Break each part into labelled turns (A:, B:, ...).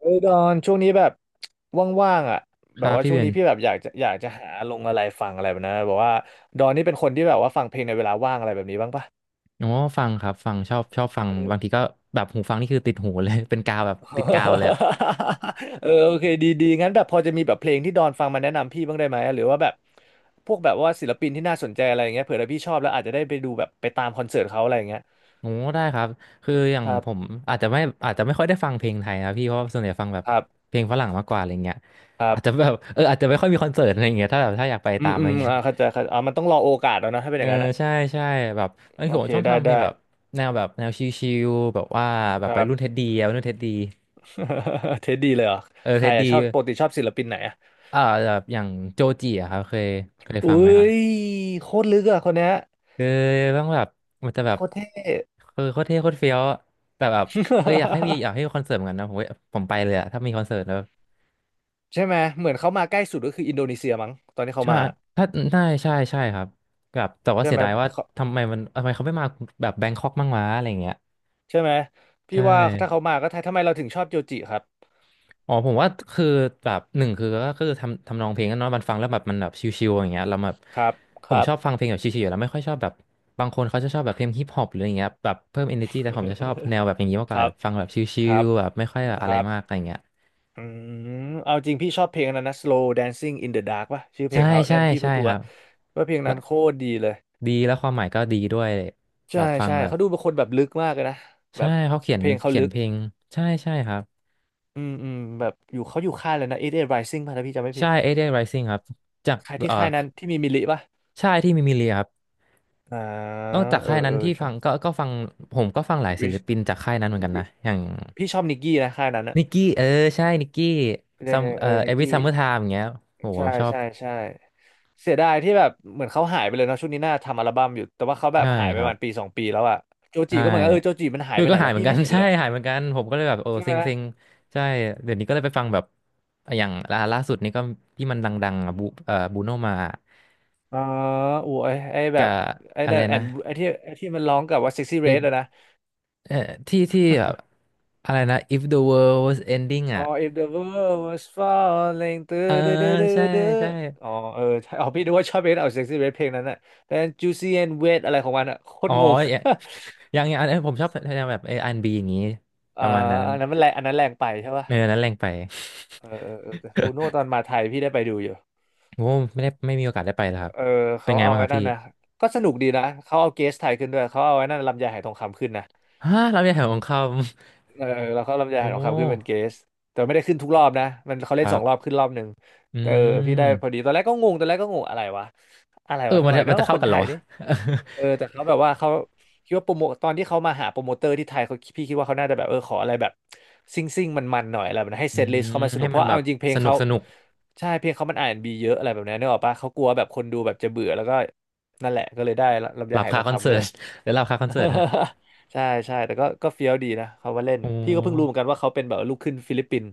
A: เฮ้ยดอนช่วงนี้แบบว่างๆอ่ะ
B: ค
A: แบ
B: รั
A: บ
B: บ
A: ว่า
B: พี่
A: ช่ว
B: เบ
A: งนี้
B: น
A: พี่แบบอยากจะหาลงอะไรฟังอะไรแบบนั้นนะแบอกว่าดอนนี่เป็นคนที่แบบว่าฟังเพลงในเวลาว่างอะไรแบบนี้บ้างปะ
B: อ๋อฟังครับฟังชอบชอบฟัง
A: เออ
B: บางทีก็แบบหูฟังนี่คือติดหูเลย เป็นกาวแบบติดกาวเลยอ่ะ
A: เออ โอเคดีดีงั้นแบบพอจะมีแบบเพลงที่ดอนฟังมาแนะนำพี่บ้างได้ไหมหรือว่าแบบพวกแบบว่าศิลปินที่น่าสนใจอะไรอย่างเงี้ยเผื่อถ้าพี่ชอบแล้วอาจจะได้ไปดูแบบไปตามคอนเสิร์ตเขาอะไรอย่างเงี้ย
B: โอ้ได้ครับคืออย่า
A: ค
B: ง
A: รั
B: ผม
A: บ
B: อาจจะไม่อาจจะไม่ค่อยได้ฟังเพลงไทยนะพี่เพราะว่าส่วนใหญ่ฟังแบบ
A: ครับ
B: เพลงฝรั่งมากกว่าอะไรเงี้ย
A: ครั
B: อาจจะ
A: บ
B: แบบอาจจะไม่ค่อยมีคอนเสิร์ตอะไรเงี้ยถ้าแบบถ้าอยากไป
A: อื
B: ตา
A: ม
B: มอะ
A: อื
B: ไร
A: ม
B: เงี้ย
A: เข้าใจครับมันต้องรอโอกาสแล้วนะถ้าเป็นอ
B: เออ
A: ย่างนั้นอะ
B: ใช่ใช่แบบ
A: โอ
B: ผ
A: เค
B: มชอบ
A: ได้
B: ทำเพล
A: ได้
B: งแบบแนวแบบแนวชิลๆแบบว่าแบ
A: ค
B: บ
A: รั
B: ไปรุ่นเท็
A: บ
B: ดดี้อะวัยรุ่นเท็ดดี้
A: เท็ดดี้เลยเหรอ
B: เออ
A: ใค
B: เท็
A: ร
B: ด
A: อะ
B: ดี้
A: ชอบปกติชอบศิลปินไหนอะ
B: อ่าแบบอย่างโจจีอะครับเคย
A: อุ้
B: ฟังไหมครับ
A: ยโคตรลึกอะคนเนี้ย
B: คือต้องแบบมันจะแบ
A: โค
B: บ
A: ตรเท่
B: คือโคตรเท่โคตรเฟี้ยวอะแต่แบบอยากให้มี อยากให้มีคอนเสิร์ตเหมือนกันนะผมผมไปเลยอะถ้ามีคอนเสิร์ตแล้ว
A: ใช่ไหม เหมือนเขามาใกล้สุดก็คืออินโดนีเซียมั้งตอนที่เขา
B: ใช่
A: มา
B: ถ้าได้ใช่ใช่ครับแบบแต่ว่า
A: ใช่
B: เสีย
A: ไหม
B: ดายว่า
A: เขา
B: ทำไมมันทำไมเขาไม่มาแบบแบงคอกมั่งวะอะไรอย่างเงี้ย
A: ใช่ไหม
B: ใช
A: พี่ว่าถ้าเขา
B: ่
A: มาก็ไทยทำไมเราถึงชอบโจจิครับ
B: อ๋อผมว่าคือแบบหนึ่งคือก็คือทำทำนองเพลงกันเนาะมันฟังแล้วแบบมันแบบชิวๆอย่างเงี้ยเราแบบ
A: ครับค
B: ผม
A: รั
B: ช
A: บ
B: อบฟังเพลงแบบชิวๆอยู่แล้วไม่ค่อยชอบแบบบางคนเขาจะชอบแบบเพลงฮิปฮอปหรืออย่างเงี้ยแบบเพิ่ม energy แต่ผมจะชอบแนวแบบอย่าง นี้มากก
A: ค
B: ว่า
A: รั
B: แบ
A: บ
B: บฟังแบบชิ
A: ครั
B: ว
A: บ
B: ๆแบบไม่ค่อยแบบอะ
A: ค
B: ไร
A: รับ
B: มากอะไรเงี้ย
A: อืมเอาจริงพี่ชอบเพลงอันนั้นนะ Slow Dancing in the Dark ป่ะชื่อเพล
B: ใช่
A: งเขานั่
B: ใช่
A: นพี่พู
B: ใช่
A: ดตั
B: ค
A: ว
B: รับ
A: ว่าเพลง
B: แล้
A: นั้
B: ว
A: นโคตรดีเลย
B: ดีแล้วความหมายก็ดีด้วยแบ
A: ใช่
B: บฟัง
A: ใช่
B: แบบ
A: เขาดูเป็นคนแบบลึกมากเลยนะแบ
B: ใช่
A: บ
B: เขาเขีย
A: เพ
B: น
A: ลงเขาลึก
B: เพลงใช่ใช่ครับ
A: อืมอืมแบบอยู่เขาอยู่ค่ายเลยนะเอ g h t Rising ป่ะถ้าพี่จำไม่ผิ
B: ใช่
A: ด
B: 8 d e y Rising ครับจาก
A: ค่ายที่
B: เอ่อ
A: ค่ายนั้นที่มีมิลลิป่ะ
B: ใช่ที่มีมิเลียครับ
A: อ่า
B: นอกจาก
A: เออ
B: ค่ายนั้
A: เอ
B: น
A: อ
B: ที่ฟั
A: ใช่
B: งก็ฟังผมก็ฟังหลายศิล
A: Rich-
B: ปินจากค่ายนั้นเหมือนกันนะ
A: Rich-
B: อย่าง
A: พี่ชอบนิกกี้นะค่ายนั้นอะ
B: นิกกี้เออใช่นิกกี้
A: เออ
B: ซัม
A: เออ
B: เอ
A: นิก
B: วิ
A: กี้
B: ซัมเมอร์ไทม์อย่างเงี้ยโห
A: ใช่
B: ชอบ
A: ใช่ใช่เสียดายที่แบบเหมือนเขาหายไปเลยเนาะช่วงนี้น่าทำอัลบั้มอยู่แต่ว่าเขาแบบ
B: ใช่
A: หายไป
B: ค
A: ป
B: รั
A: ระ
B: บ
A: มาณปีสองปีแล้วอะโจจี
B: ใช่
A: ก็เหมือนกันเออโจจีมันหาย
B: ด้ย
A: ไปไห
B: ก็
A: น
B: หาย
A: แล้ว
B: เหมือ
A: พี่
B: นกั
A: ไม่
B: น
A: เห็ น
B: ใช่
A: เลย
B: หายเหมือนกันผมก็เลยแบบโอ้
A: ใช่
B: เซ็
A: ไหม
B: งเซ็งใช่เดี๋ยวนี้ก็เลยไปฟังแบบอย่างล่าสุดนี่ก็ที่มันดังๆอ่ะบูบูโนมา
A: อ๋ออูไอ้แบ
B: กั
A: บ
B: บ
A: ไอ้
B: อะไร
A: นั่ยแอ
B: นะ
A: นไอ้ที่ไอ้ที่มันร้องกับว่า Sexy
B: เร
A: Red อะ
B: ด
A: นะ
B: เอ่อที่ที่แบบอะไรนะ If the world was ending
A: อ๋อ
B: อ่ะ
A: if the world was falling ตื้อ
B: เออ
A: ดื้อดื้อดื้อ
B: ใช่
A: ดื้อ
B: ใช่
A: อ๋อเออใช่อ๋อพี่ดูว่าชอบเบสเอาเซ็กซี่เบสเพลงนั้นน่ะแต่ juicy and wet อะไรของมันอ่ะโคต
B: อ๋อ
A: รงง
B: ยังยังอันนี้ผมชอบแนวแบบอันบีอย่างนี้ ป
A: อ่า
B: ระมาณนั้น
A: อันนั้นมันแรงอันนั้นแรงไปใช่ป่ะ
B: เออนั้นแรงไป
A: เออเออเออแต่บูโน่ตอ นมาไทยพี่ได้ไปดูอยู่
B: โอ้ไม่ได้ไม่มีโอกาสได้ไปแล้วครับ
A: เออ
B: เป็น
A: เขา
B: ไง
A: เอา
B: บ้างค
A: ไอ้
B: รับ
A: นั่
B: พี่
A: นนะก็สนุกดีนะเขาเอาเกสไทยขึ้นด้วยเขาเอาไอ้นั่นลำไยหาหทองคำขึ้นนะ
B: ฮะเราเนี่ยแถวของคำ
A: เออเราเข้ารอบนิ ย
B: โอ้
A: รองคำขึ้นเป็นเกสแต่ไม่ได้ขึ้นทุกรอบนะมันเขา
B: ค
A: เล่น
B: รั
A: สองรอบ
B: บ
A: ขึ้นรอบหนึ่ง
B: อื
A: เออพี่ได้พอดี
B: ม
A: ตอนแรกก็งงตอนแรกก็งงอะไรวะอะไร
B: เออ
A: วะ
B: มั
A: ทำ
B: น
A: ไม
B: จะมัน
A: เนาะ
B: จะ
A: ค
B: เข้า
A: น
B: กัน
A: ไท
B: เหรอ
A: ย
B: วะ
A: นี่เออแต่เขาแบบว่าเขาคิดว่าโปรโมตอนที่เขามาหาโปรโมเตอร์ที่ไทยเขาพี่คิดว่าเขาน่าจะแบบเออขออะไรแบบซิ่งมันมันๆหน่อยอะไรแบบนั้นให้
B: อื
A: เซตลิสต์
B: ม
A: เขามาสนุ
B: ให้
A: กเพ
B: มัน
A: ราะ
B: แบ
A: เอา
B: บ
A: จริงเพล
B: ส
A: ง
B: นุก
A: เขา
B: สนุก
A: ใช่เพลงเขามันอาร์แอนด์บีเยอะอะไรแบบนั้นนึกออกปะเขากลัวแบบคนดูแบบจะเบื่อแล้วก็นั่นแหละก็เลยได้ลำ
B: ห
A: ไย
B: ลับ
A: หายท
B: คา
A: อง
B: คอน
A: คำขึ้
B: เสิ
A: น
B: ร์ต
A: มา
B: หรือหลับคาคอนเสิร์ตนะ
A: ใช่ใช่แต่ก็เฟี้ยวดีนะเขามาเล่น
B: โอ้
A: พี่ก็เพิ่งรู้เหมือนกันว่าเขาเป็นแบบลูกครึ่งฟิลิปปินส์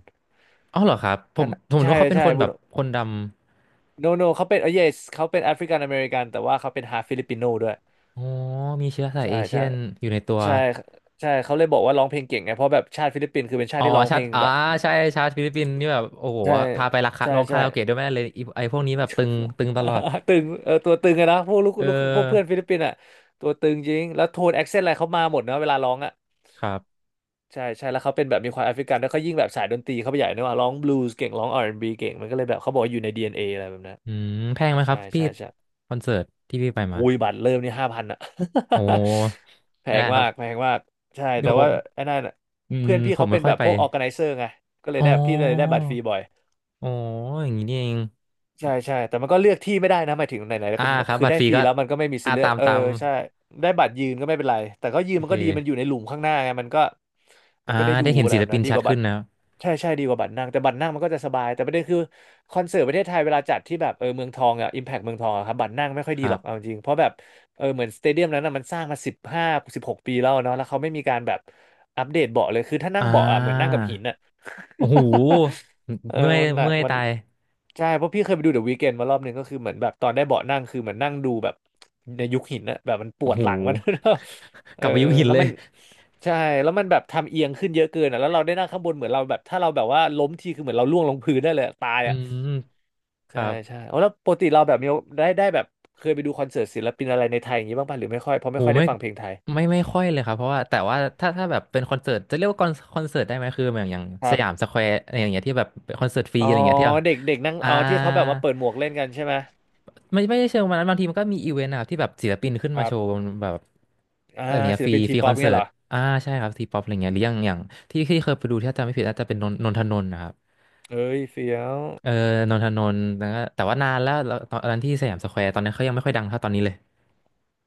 B: อ้าวเหรอครับผ
A: ท่า
B: ม
A: น
B: ผมนึก
A: ใช่
B: ว่าเขาเป็น
A: ใช่
B: คน
A: บุ
B: แบบ
A: โน
B: คนด
A: โนเขาเป็นเออ yes เขาเป็นแอฟริกันอเมริกันแต่ว่าเขาเป็นฮาฟิลิปปิโนด้วย
B: ำโอ้มีเชื้อสาย
A: ใช่
B: เอเชี
A: ใช่
B: ยนอยู่ในตัว
A: ใช่ใช่เขาเลยบอกว่าร้องเพลงเก่งไงเพราะแบบชาติฟิลิปปินส์คือเป็นชา
B: อ๋
A: ติ
B: อ
A: ที่ร้องเพ
B: ชา
A: ล
B: ติ
A: งแบบ
B: ใช่ชาติฟิลิปปินส์นี่แบบโอ้โห
A: ใช่
B: พาไปราคา
A: ใช่
B: ร้องคา
A: ใช่
B: ราโอเกะด้วยแม่เลยไอ้ไอ้พวกนี้แบบตึงตึงตลอด
A: ตึงเออตัวตึงอะนะพวกลูก
B: เอ
A: ลูกพวกเพื่อน
B: อ
A: ฟิลิปปินส์อะตัวตึงจริงแล้วโทนแอคเซนต์อะไรเขามาหมดนะเวลาร้องอะ
B: ครับ
A: ใช่ใช่แล้วเขาเป็นแบบมีความแอฟริกันแล้วเขายิ่งแบบสายดนตรีเขาไปใหญ่เนกอะว่าร้องบลูส์เก่งร้อง R&B เก่งมันก็เลยแบบเขาบอกว่าอยู่ใน DNA อนเออะไรแบบนั้น
B: อืมแพงไหมค
A: ใช่
B: รับพี่
A: ใช่ใช่
B: คอนเสิร์ตที่พี่ไปมา
A: อุ้ยบัตรเริ่มนี่5,000อะ
B: โอ้
A: แพ
B: ไม่
A: ง
B: ได้ครั
A: มา
B: บ
A: กแพ
B: ผ
A: งมากใช่
B: ม
A: แต่ว่าไอ้นั่นอะ
B: อืม
A: เพื่อนพี่
B: ผม
A: เขา
B: ไม่
A: เป็น
B: ค่อ
A: แบ
B: ย
A: บ
B: ไป
A: พวก Organizer ไนเซอร์ไงก็เลย
B: อ๋อ
A: ได้พี่เลยได้บัตรฟรีบ่อย
B: อ๋ออย่างนี้นี่เอง
A: ใช่ใช่แต่มันก็เลือกที่ไม่ได้นะหมายถึงไหนๆแล้ว
B: อ่า
A: ก็แบ
B: ค
A: บ
B: รับ
A: คือ
B: บัตร
A: ได้
B: ฟรี
A: ฟรี
B: ก็
A: แล้วมันก็ไม่มีสิ
B: อ่า
A: ทธิ์เลือ
B: ตา
A: ก
B: ม
A: เออ
B: ตาม
A: ใช่ได้บัตรยืนก็ไม่เป็นไรแต่ก็ยืน
B: โอ
A: มั
B: เค
A: นก็ดีมันอยู่ในหลุมข้างหน้าไงมันก็มั
B: อ่า
A: นก็ได้ดู
B: ได้เห็น
A: อะไร
B: ศิ
A: แบ
B: ล
A: บ
B: ปิ
A: นั้
B: น
A: นดี
B: ชั
A: ก
B: ด
A: ว่าบั
B: ขึ้
A: ต
B: น
A: ร
B: นะครับ
A: ใช่ใช่ดีกว่าบัตรนั่งแต่บัตรนั่งมันก็จะสบายแต่ประเด็นคือคอนเสิร์ตประเทศไทยเวลาจัดที่แบบเออเมืองทองอ่ะอิมแพคเมืองทองอะครับบัตรนั่งไม่ค่อย
B: ค
A: ดี
B: รั
A: หรอกเอาจ
B: บ
A: ริงเพราะแบบเออเหมือนสเตเดียมนั้นอะมันสร้างมา15-16 ปีแล้วเนาะแล้วเขาไม่มีการแบบอัปเดตเบาะเลยคือถ้านั่ง
B: อ่า
A: เบาะอ่ะเหมือนนั่งกับหินอะ
B: โอ้โห
A: เออ
B: เมื่อย
A: มันหนัก
B: เมื่อย
A: มัน
B: ตาย
A: ใช่เพราะพี่เคยไปดูเดอะวี k เ n นมารอบหนึ่งก็คือเหมือนแบบตอนได้เบาะนั่งคือเหมือนนั่งดูแบบในยุคหินนะแบบมันป
B: โอ้
A: วด
B: โห
A: หลังมัน เอ
B: กลั
A: อ
B: บไปยุคหิน
A: แล้ว
B: เล
A: มั
B: ย
A: นใช่แล้วมันแบบทำเอียงขึ้นเยอะเกินอ่ะแล้วเราได้นั่งข้างบนเหมือนเราแบบถ้าเราแบบว่าล้มทีคือเหมือนเราล่วงลงพื้นได้เลยอะตาย
B: อื
A: อ่ะ
B: มค
A: ใช่
B: รับ
A: ใช่เอาแล้วปกติเราแบบมีได้แบบเคยไปดูคอนเสิร์ตศิลปินอะไรในไทยอย่างนี้บ้างป่ะหรือไม่ค่อยเพราะ
B: โห
A: ไม่ค่อยได้
B: ไม่
A: ฟังเพลงไทย
B: ไม่ไม่ค่อยเลยครับเพราะว่าแต่ว่าถ้าถ้าแบบเป็นคอนเสิร์ตจะเรียกว่าคอนคอนเสิร์ตได้ไหมคืออย่างอย่าง
A: ค
B: ส
A: รั
B: ยาม
A: บ
B: สแควร์อย่างเงี้ยที่แบบเป็นคอนเสิร์ตฟรี
A: อ๋อ
B: อะไรเงี้ยที่แบบ
A: เด็กเด็กนั่ง
B: อ่า
A: อ๋อที่เขาแบบมาเปิดหมวกเล่นกันใช่ไหม
B: ไม่ไม่ได้เชิงวันนั้นบางทีมันก็มีอีเวนต์นะครับที่แบบศิลปินขึ้น
A: ค
B: มา
A: รั
B: โชว์บ
A: บ
B: นแบบ
A: อ่า
B: อะไรเงี้ย
A: ศิ
B: ฟ
A: ล
B: รี
A: ปิน
B: ฟ
A: ที
B: รี
A: ป๊
B: ค
A: อ
B: อ
A: ป
B: นเสิ
A: เงี้ย
B: ร์
A: เห
B: ต
A: รอ
B: อ่าใช่ครับทีป๊อปอะไรเงี้ยหรืออย่างอย่างที่ที่เคยไปดูที่ถ้าจำไม่ผิดน่าจะเป็นนนนนทนนท์นะครับ
A: เอ้ยเฟี้ยว
B: เออนนทนนท์แล้วก็แต่ว่านานแล้วแล้วตอนนั้นที่สยามสแควร์ตอนนั้นเขายังไม่ค่อยดังเท่าตอนนี้เลย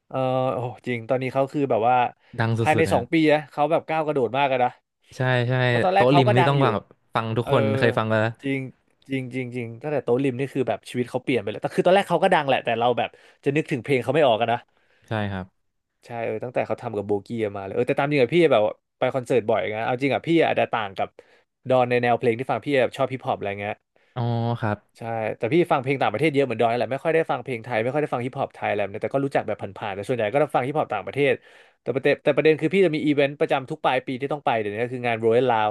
A: เออโอ้จริงตอนนี้เขาคือแบบว่า
B: ดัง
A: ภาย
B: สุ
A: ใน
B: ดๆเล
A: ส
B: ย
A: องปีนะเขาแบบก้าวกระโดดมากเลยนะ
B: ใช่ใช่
A: เพราะตอนแรก
B: โต๊ะ
A: เขา
B: ริม
A: ก็
B: นี่
A: ดัง
B: ต้อง
A: อยู่
B: ฟังแบบฟังทุก
A: เออ
B: คนเคยฟังกันแล้ว
A: จริงจริงจริงจริงตั้งแต่โต๊ะริมนี่คือแบบชีวิตเขาเปลี่ยนไปเลยแต่คือตอนแรกเขาก็ดังแหละ แต่เราแบบจะนึกถึงเพลงเขาไม่ออกกันนะ
B: ใช่ครับ
A: ใช่เออตั้งแต่เขาทำกับโบกี้มาเลยเออแต่ตามจริงอะพี่แบบไปคอนเสิร์ตบ่อยไงเอาจริงอะพี่อาจจะต่างกับดอนในแนวเพลงที่ฟังพี่แบบชอบฮิปฮอปอะไรเงี้ย
B: อ๋อครับ
A: ใช่แต่พี่ฟังเพลงต่างประเทศเยอะเหมือนดอยนั่นแหละไม่ค่อยได้ฟังเพลงไทยไม่ค่อยได้ฟังฮิปฮอปไทยอะไรแบบนี้แต่ก็รู้จักแบบผ่านๆแต่ส่วนใหญ่ก็จะฟังฮิปฮอปต่างประเทศแต่ประเด็นคือพี่จะมีอีเวนต์ประจำทุกปลายปีที่ต้องไปเดี๋ยวนี้ก็คืองาน Royal Lao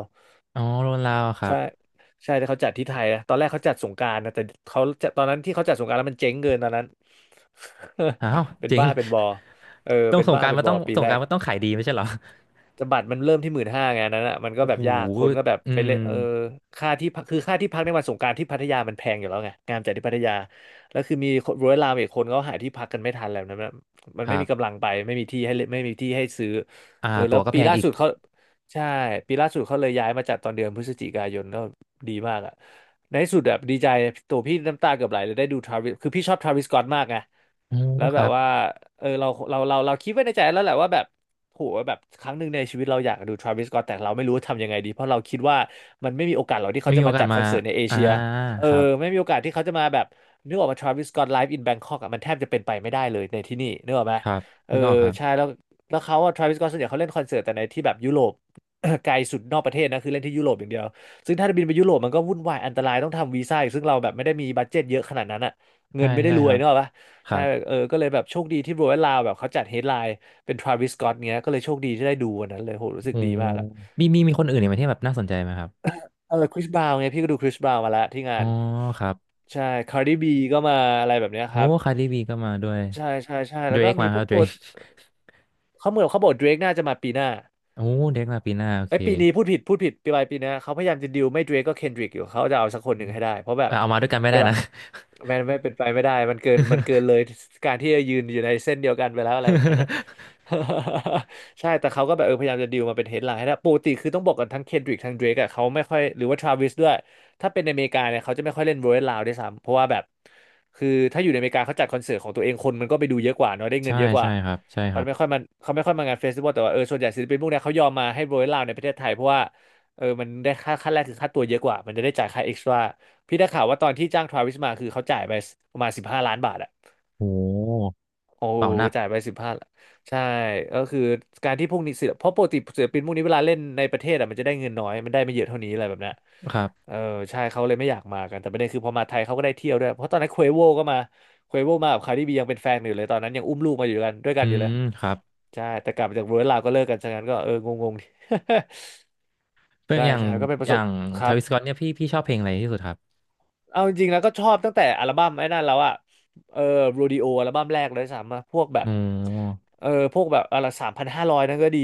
B: อ๋อโรนลาวครั
A: ใช่
B: บ
A: ใช่ที่เขาจัดที่ไทยนะตอนแรกเขาจัดสงกรานต์นะแต่เขาจะตอนนั้นที่เขาจัดสงกรานต์แล้วมันเจ๊งเกินตอนนั้น
B: อ้าว
A: เป็น
B: จริง
A: บ้าเป็นบอเออ
B: ต้อง
A: เป็น
B: ส่ง
A: บ้า
B: การ
A: เป็น
B: มา
A: บ
B: ต้อ
A: อ
B: ง
A: ปี
B: ส่ง
A: แร
B: การ
A: ก
B: มาต้องขายดีไม่ใช่เหรอ
A: แต่บัตรมันเริ่มที่15,000ไงอันนั้นอ่ะมันก็
B: โอ้
A: แบ
B: โห
A: บยากคนก็แบบ
B: อื
A: ไป
B: ม
A: เล่นเออค่าที่พักคือค่าที่พักในวันสงกรานต์ที่พัทยามันแพงอยู่แล้วไงงานจัดที่พัทยาแล้วคือมีคนร้อยลามอีกคนก็หาที่พักกันไม่ทันแล้วนะมันมัน
B: ค
A: ไม่
B: รั
A: มีกำลั
B: บ
A: งไปไม่มีที่ให้เล่นไม่มีที่ให้ซื้อ
B: อ่า
A: เออแล้
B: ตั๋
A: ว
B: วก็แพ
A: ปี
B: ง
A: ล่า
B: อีก
A: สุดเขาใช่ปีล่าสุดเขาเลยย้ายมาจัดตอนเดือนพฤศจิกายนก็ดีมากอ่ะในที่สุดแบบดีใจตัวพี่น้ำตาเกือบไหลเลยได้ดูทราวิสคือพี่ชอบทราวิสสก็อตมากไง
B: โอ้
A: แล้ว
B: ค
A: แบ
B: รั
A: บ
B: บ
A: ว่าเออเราคิดไว้ในใจแล้วแหละว่าแบบโหแบบครั้งหนึ่งในชีวิตเราอยากดูทราวิสสก็อตแต่เราไม่รู้ทำยังไงดีเพราะเราคิดว่ามันไม่มีโอกาสหรอกที่
B: ไม่
A: เขา
B: มี
A: จะ
B: โอ
A: มา
B: กาส
A: จัดค
B: มา
A: อนเสิร์ตในเอ
B: อ่า
A: เชียเออ
B: ครับ
A: ไม่มีโอกาสที่เขาจะมาแบบนึกออกมาทราวิสสก็อตไลฟ์อินแบงคอกอ่ะมันแทบจะเป็นไปไม่ได้เลยในที่นี่นึกออกไหม
B: ครับ
A: เออ
B: นี่ก็ครับ
A: ใช่แล้วแล้วเขาอะทราวิสสก็อตส่วนใหญ่เขาเล่นคอนเสิร์ตแต่ในที่แบบยุโรป ไกลสุดนอกประเทศนะคือเล่นที่ยุโรปอย่างเดียวซึ่งถ้าจะบินไปยุโรปมันก็วุ่นวายอันตรายต้องทำวีซ่าอีกซึ่งเราแบบไม่ได้มีบัดเจ็ตเยอะขนาดนั้นอะเงิ
B: ใช่
A: นไม่ได้
B: ใช่
A: รว
B: ค
A: ย
B: รับ
A: เนกอะปะ
B: ค
A: ใช่
B: รับ
A: แบบเออก็เลยแบบโชคดีที่โรยลาวแบบเขาจัดเฮดไลน์เป็นทราวิสสก็อตเงี้ยก็เลยโชคดีที่ได้ดูวันนั้นเลยโหรู้สึก
B: โอ้
A: ดีมากอะ
B: มีมีมีคนอื่นอีกไหมที่แบบน่าสนใจไหมครับ
A: เออคริสบราวน์ไงพี่ก็ดูคริสบราวน์มาแล้วที่งา
B: อ๋อ
A: น
B: ครับ
A: ใช่คาร์ดิบีก็มาอะไรแบบเนี้ย
B: โอ้
A: ครับ
B: คาร์ดิบีก็มาด้วย
A: ใช่ใช่ใช่
B: เด
A: แล้ว
B: ร
A: ก็
B: ก
A: มี
B: มา
A: พ
B: ครั
A: วก
B: บเดร
A: ตัว
B: ก
A: เขาเหมือนเขาบอกเดรกน่าจะมาปีหน้า
B: โอ้เดรกมาปีหน้าโอ
A: ไอ้
B: เค
A: ยปีนี้พูดผิดพูดผิดปีปลายปีนนะเขาพยายามจะดิวไม่เดรกก็เคนดริกอยู่เขาจะเอาสักคนหนึ่งให้ได้เพราะแบ
B: เอ
A: บ
B: อเอามาด้วยกันไม่
A: เว
B: ได้
A: ลา
B: นะ
A: แมนไม่เป็นไปไม่ได้มันเกินเล ยการที่จะยืนอยู่ในเส้นเดียวกันไปแล้วอะไรแบบนั้นนะ ใช่แต่เขาก็แบบพยายามจะดิวมาเป็นเฮดไลน์ให้ได้ปกติคือต้องบอกกันทั้งเคนดริกทั้งเดรกอะเขาไม่ค่อยหรือว่าทราวิสด้วยถ้าเป็นในอเมริกาเนี่ยเขาจะไม่ค่อยเล่นโรยลาวด้วยซ้ำเพราะว่าแบบคือถ้าอยู่ในอเมริกาเขาจัดคอนเสิร์ตของตัวเองคนมันก็ไปดูเยอะกว่าเนาะได้เงิ
B: ใช่
A: นเยอะกว่า
B: ใช่ครับใช่ค
A: เขา
B: รับ
A: ไม่ค่อยมาเขาไม่ค่อยมางานเฟสติวัลแต่ว่าส่วนใหญ่ศิลปินพวกเนี้ยเขายอมมาให้โรยลาวในประเทศไทยเพราะว่ามันได้ค่าแรกคือค่าตัวเยอะกว่ามันจะได้จ่ายค่าเอ็กซ์ตร้าพี่ได้ข่าวว่าตอนที่จ้างทราวิสมาคือเขาจ่ายไปประมาณ15 ล้านบาทอะ
B: โอ้
A: โอ้
B: เป่าหนัก
A: จ่ายไป15ใช่ก็คือการที่พวกนี้ศิลปเพราะปกติศิลปินพวกนี้เวลาเล่นในประเทศอ่ะมันจะได้เงินน้อยมันได้ไม่เยอะเท่านี้อะไรแบบเนี้ย
B: ครับ
A: เออใช่เขาเลยไม่อยากมากันแต่ประเด็นคือพอมาไทยเขาก็ได้เที่ยวด้วยเพราะตอนนั้นเควโวก็มาเควโวมากับคาร์ดิบียังเป็นแฟนกันอยู่เลยตอนนั้นยังอุ้มลูกมาอยู่กันด้วยกั
B: อื
A: นอยู่
B: ม
A: เลย
B: ครับ
A: ใช่แต่กลับมาจากเวอร์ลลาวก็เลิกกันฉะนั้นก็งงๆ
B: เพื่อ
A: ใช่
B: อย่าง
A: ใช่ก็เป็นป
B: อ
A: ระส
B: ย่า
A: บ
B: ง
A: ครั
B: ทา
A: บ
B: วิสก o อตเนี่ยพี่พี่ชอบเพลงอะไรที่สุดครับ
A: เอาจริงๆแล้วก็ชอบตั้งแต่อัลบั้มไอ้นั่นแล้วอะเออโรดิโออัลบั้มแรกเลยสามมาพวกแบบ
B: โอ้
A: พวกแบบอะไร3,500นั่นก็ดี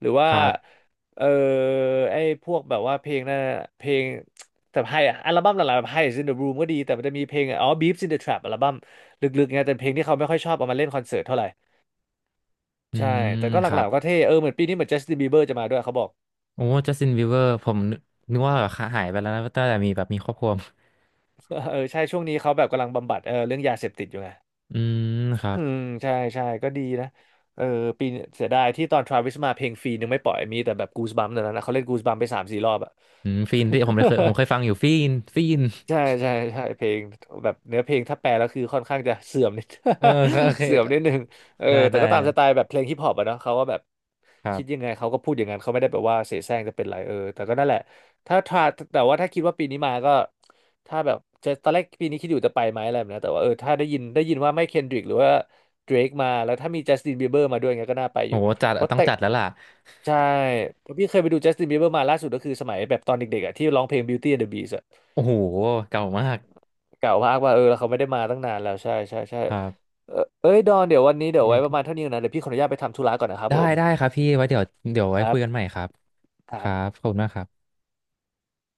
A: หรือ
B: ค
A: ว่า
B: รับ
A: เออไอ้พวกแบบว่าเพลงนั่นอะเพลงแต่ไฮอะอัลบั้มหลังๆแบบ High is in the Room ก็ดีแต่มันจะมีเพลงอ๋อ Beeps in the Trap อัลบั้มลึกๆไงแต่เพลงที่เขาไม่ค่อยชอบเอามาเล่นคอนเสิร์ตเท่าไหร่
B: อื
A: ใช่
B: ม
A: แต่ก็ห
B: ครั
A: ลั
B: บ
A: กๆก็เท่เหมือนปีนี้เหมือน Justin Bieber จะมาด้วยเขาบอก
B: โอ้จัสตินบีเวอร์ผมนึกนึกว่าแบบหายไปแล้วนะตั้งแต่มีแบบมีครอบครัว
A: เออใช่ช่วงนี้เขาแบบกำลังบำบัดเรื่องยาเสพติดอยู่ไง
B: อืมครั
A: อื
B: บ
A: มใช่ใช่ก็ดีนะเออปีเสียดายที่ตอนทราวิสมาเพลงฟรีนึงไม่ปล่อยมีแต่แบบกูสบัมแต่นนั้นนะเขาเล่นกูสบัมไปสามสี่รอบอะ
B: อืมฟีนที่ผมเคยผมเคยฟัง อยู่ฟีนฟีน
A: ใช่ใช่ใช่เพลงแบบเนื้อเพลงถ้าแปลแล้วคือค่อนข้างจะเสื่อมนิด
B: เออครับโอ เค
A: เสื่อมนิดนึง
B: ได้
A: แต่
B: ได้
A: ก็ตามสไตล์แบบเพลงฮิปฮอปอะเนาะเขาก็แบบ
B: ครั
A: คิดยั
B: บ
A: งไงเขาก็พูดอย่างนั้นเขาไม่ได้แบบว่าเสแสร้งจะเป็นไรแต่ก็นั่นแหละถ้าถ้าแต่ว่าถ้าคิดว่าปีนี้มาก็ถ้าแบบจะตอนแรกปีนี้คิดอยู่จะไปไหมอะไรแบบเนี้ยแต่ว่าถ้าได้ยินว่าไม่เคนดริกหรือว่าเดรกมาแล้วถ้ามีจัสตินบีเบอร์มาด้วยเงี้ยก็น่าไปอ
B: โอ้
A: ยู่
B: โหจัด
A: เพราะ
B: ต้อง
A: แต่
B: จัดแล้วล่ะ
A: ใช่เพราะพี่เคยไปดูจัสตินบีเบอร์มาล่าสุดก็คือสมัยแบบตอนเด็กๆอะที่ร้องเพลง Beauty and the Beast อะ
B: โอ้โหเก่ามาก
A: เก่ามากว่าแล้วเขาไม่ได้มาตั้งนานแล้วใช่ใช่ใช่
B: ครับ
A: เออเอ้ยดอนเดี๋ยววันนี้เดี๋ยวไว้ประมาณเท่านี้ก่อนนะเดี๋ยวพี่ขออนุญาตไปทำธุระก่อนนะครับ
B: ได้
A: ผม
B: ได้ครับพี่ไว้เดี๋ยวเดี๋ยวไว้
A: ครั
B: คุ
A: บ
B: ยกันใหม่ครับ
A: ค
B: ค
A: รั
B: รับ
A: บ
B: ขอบคุณมากครับ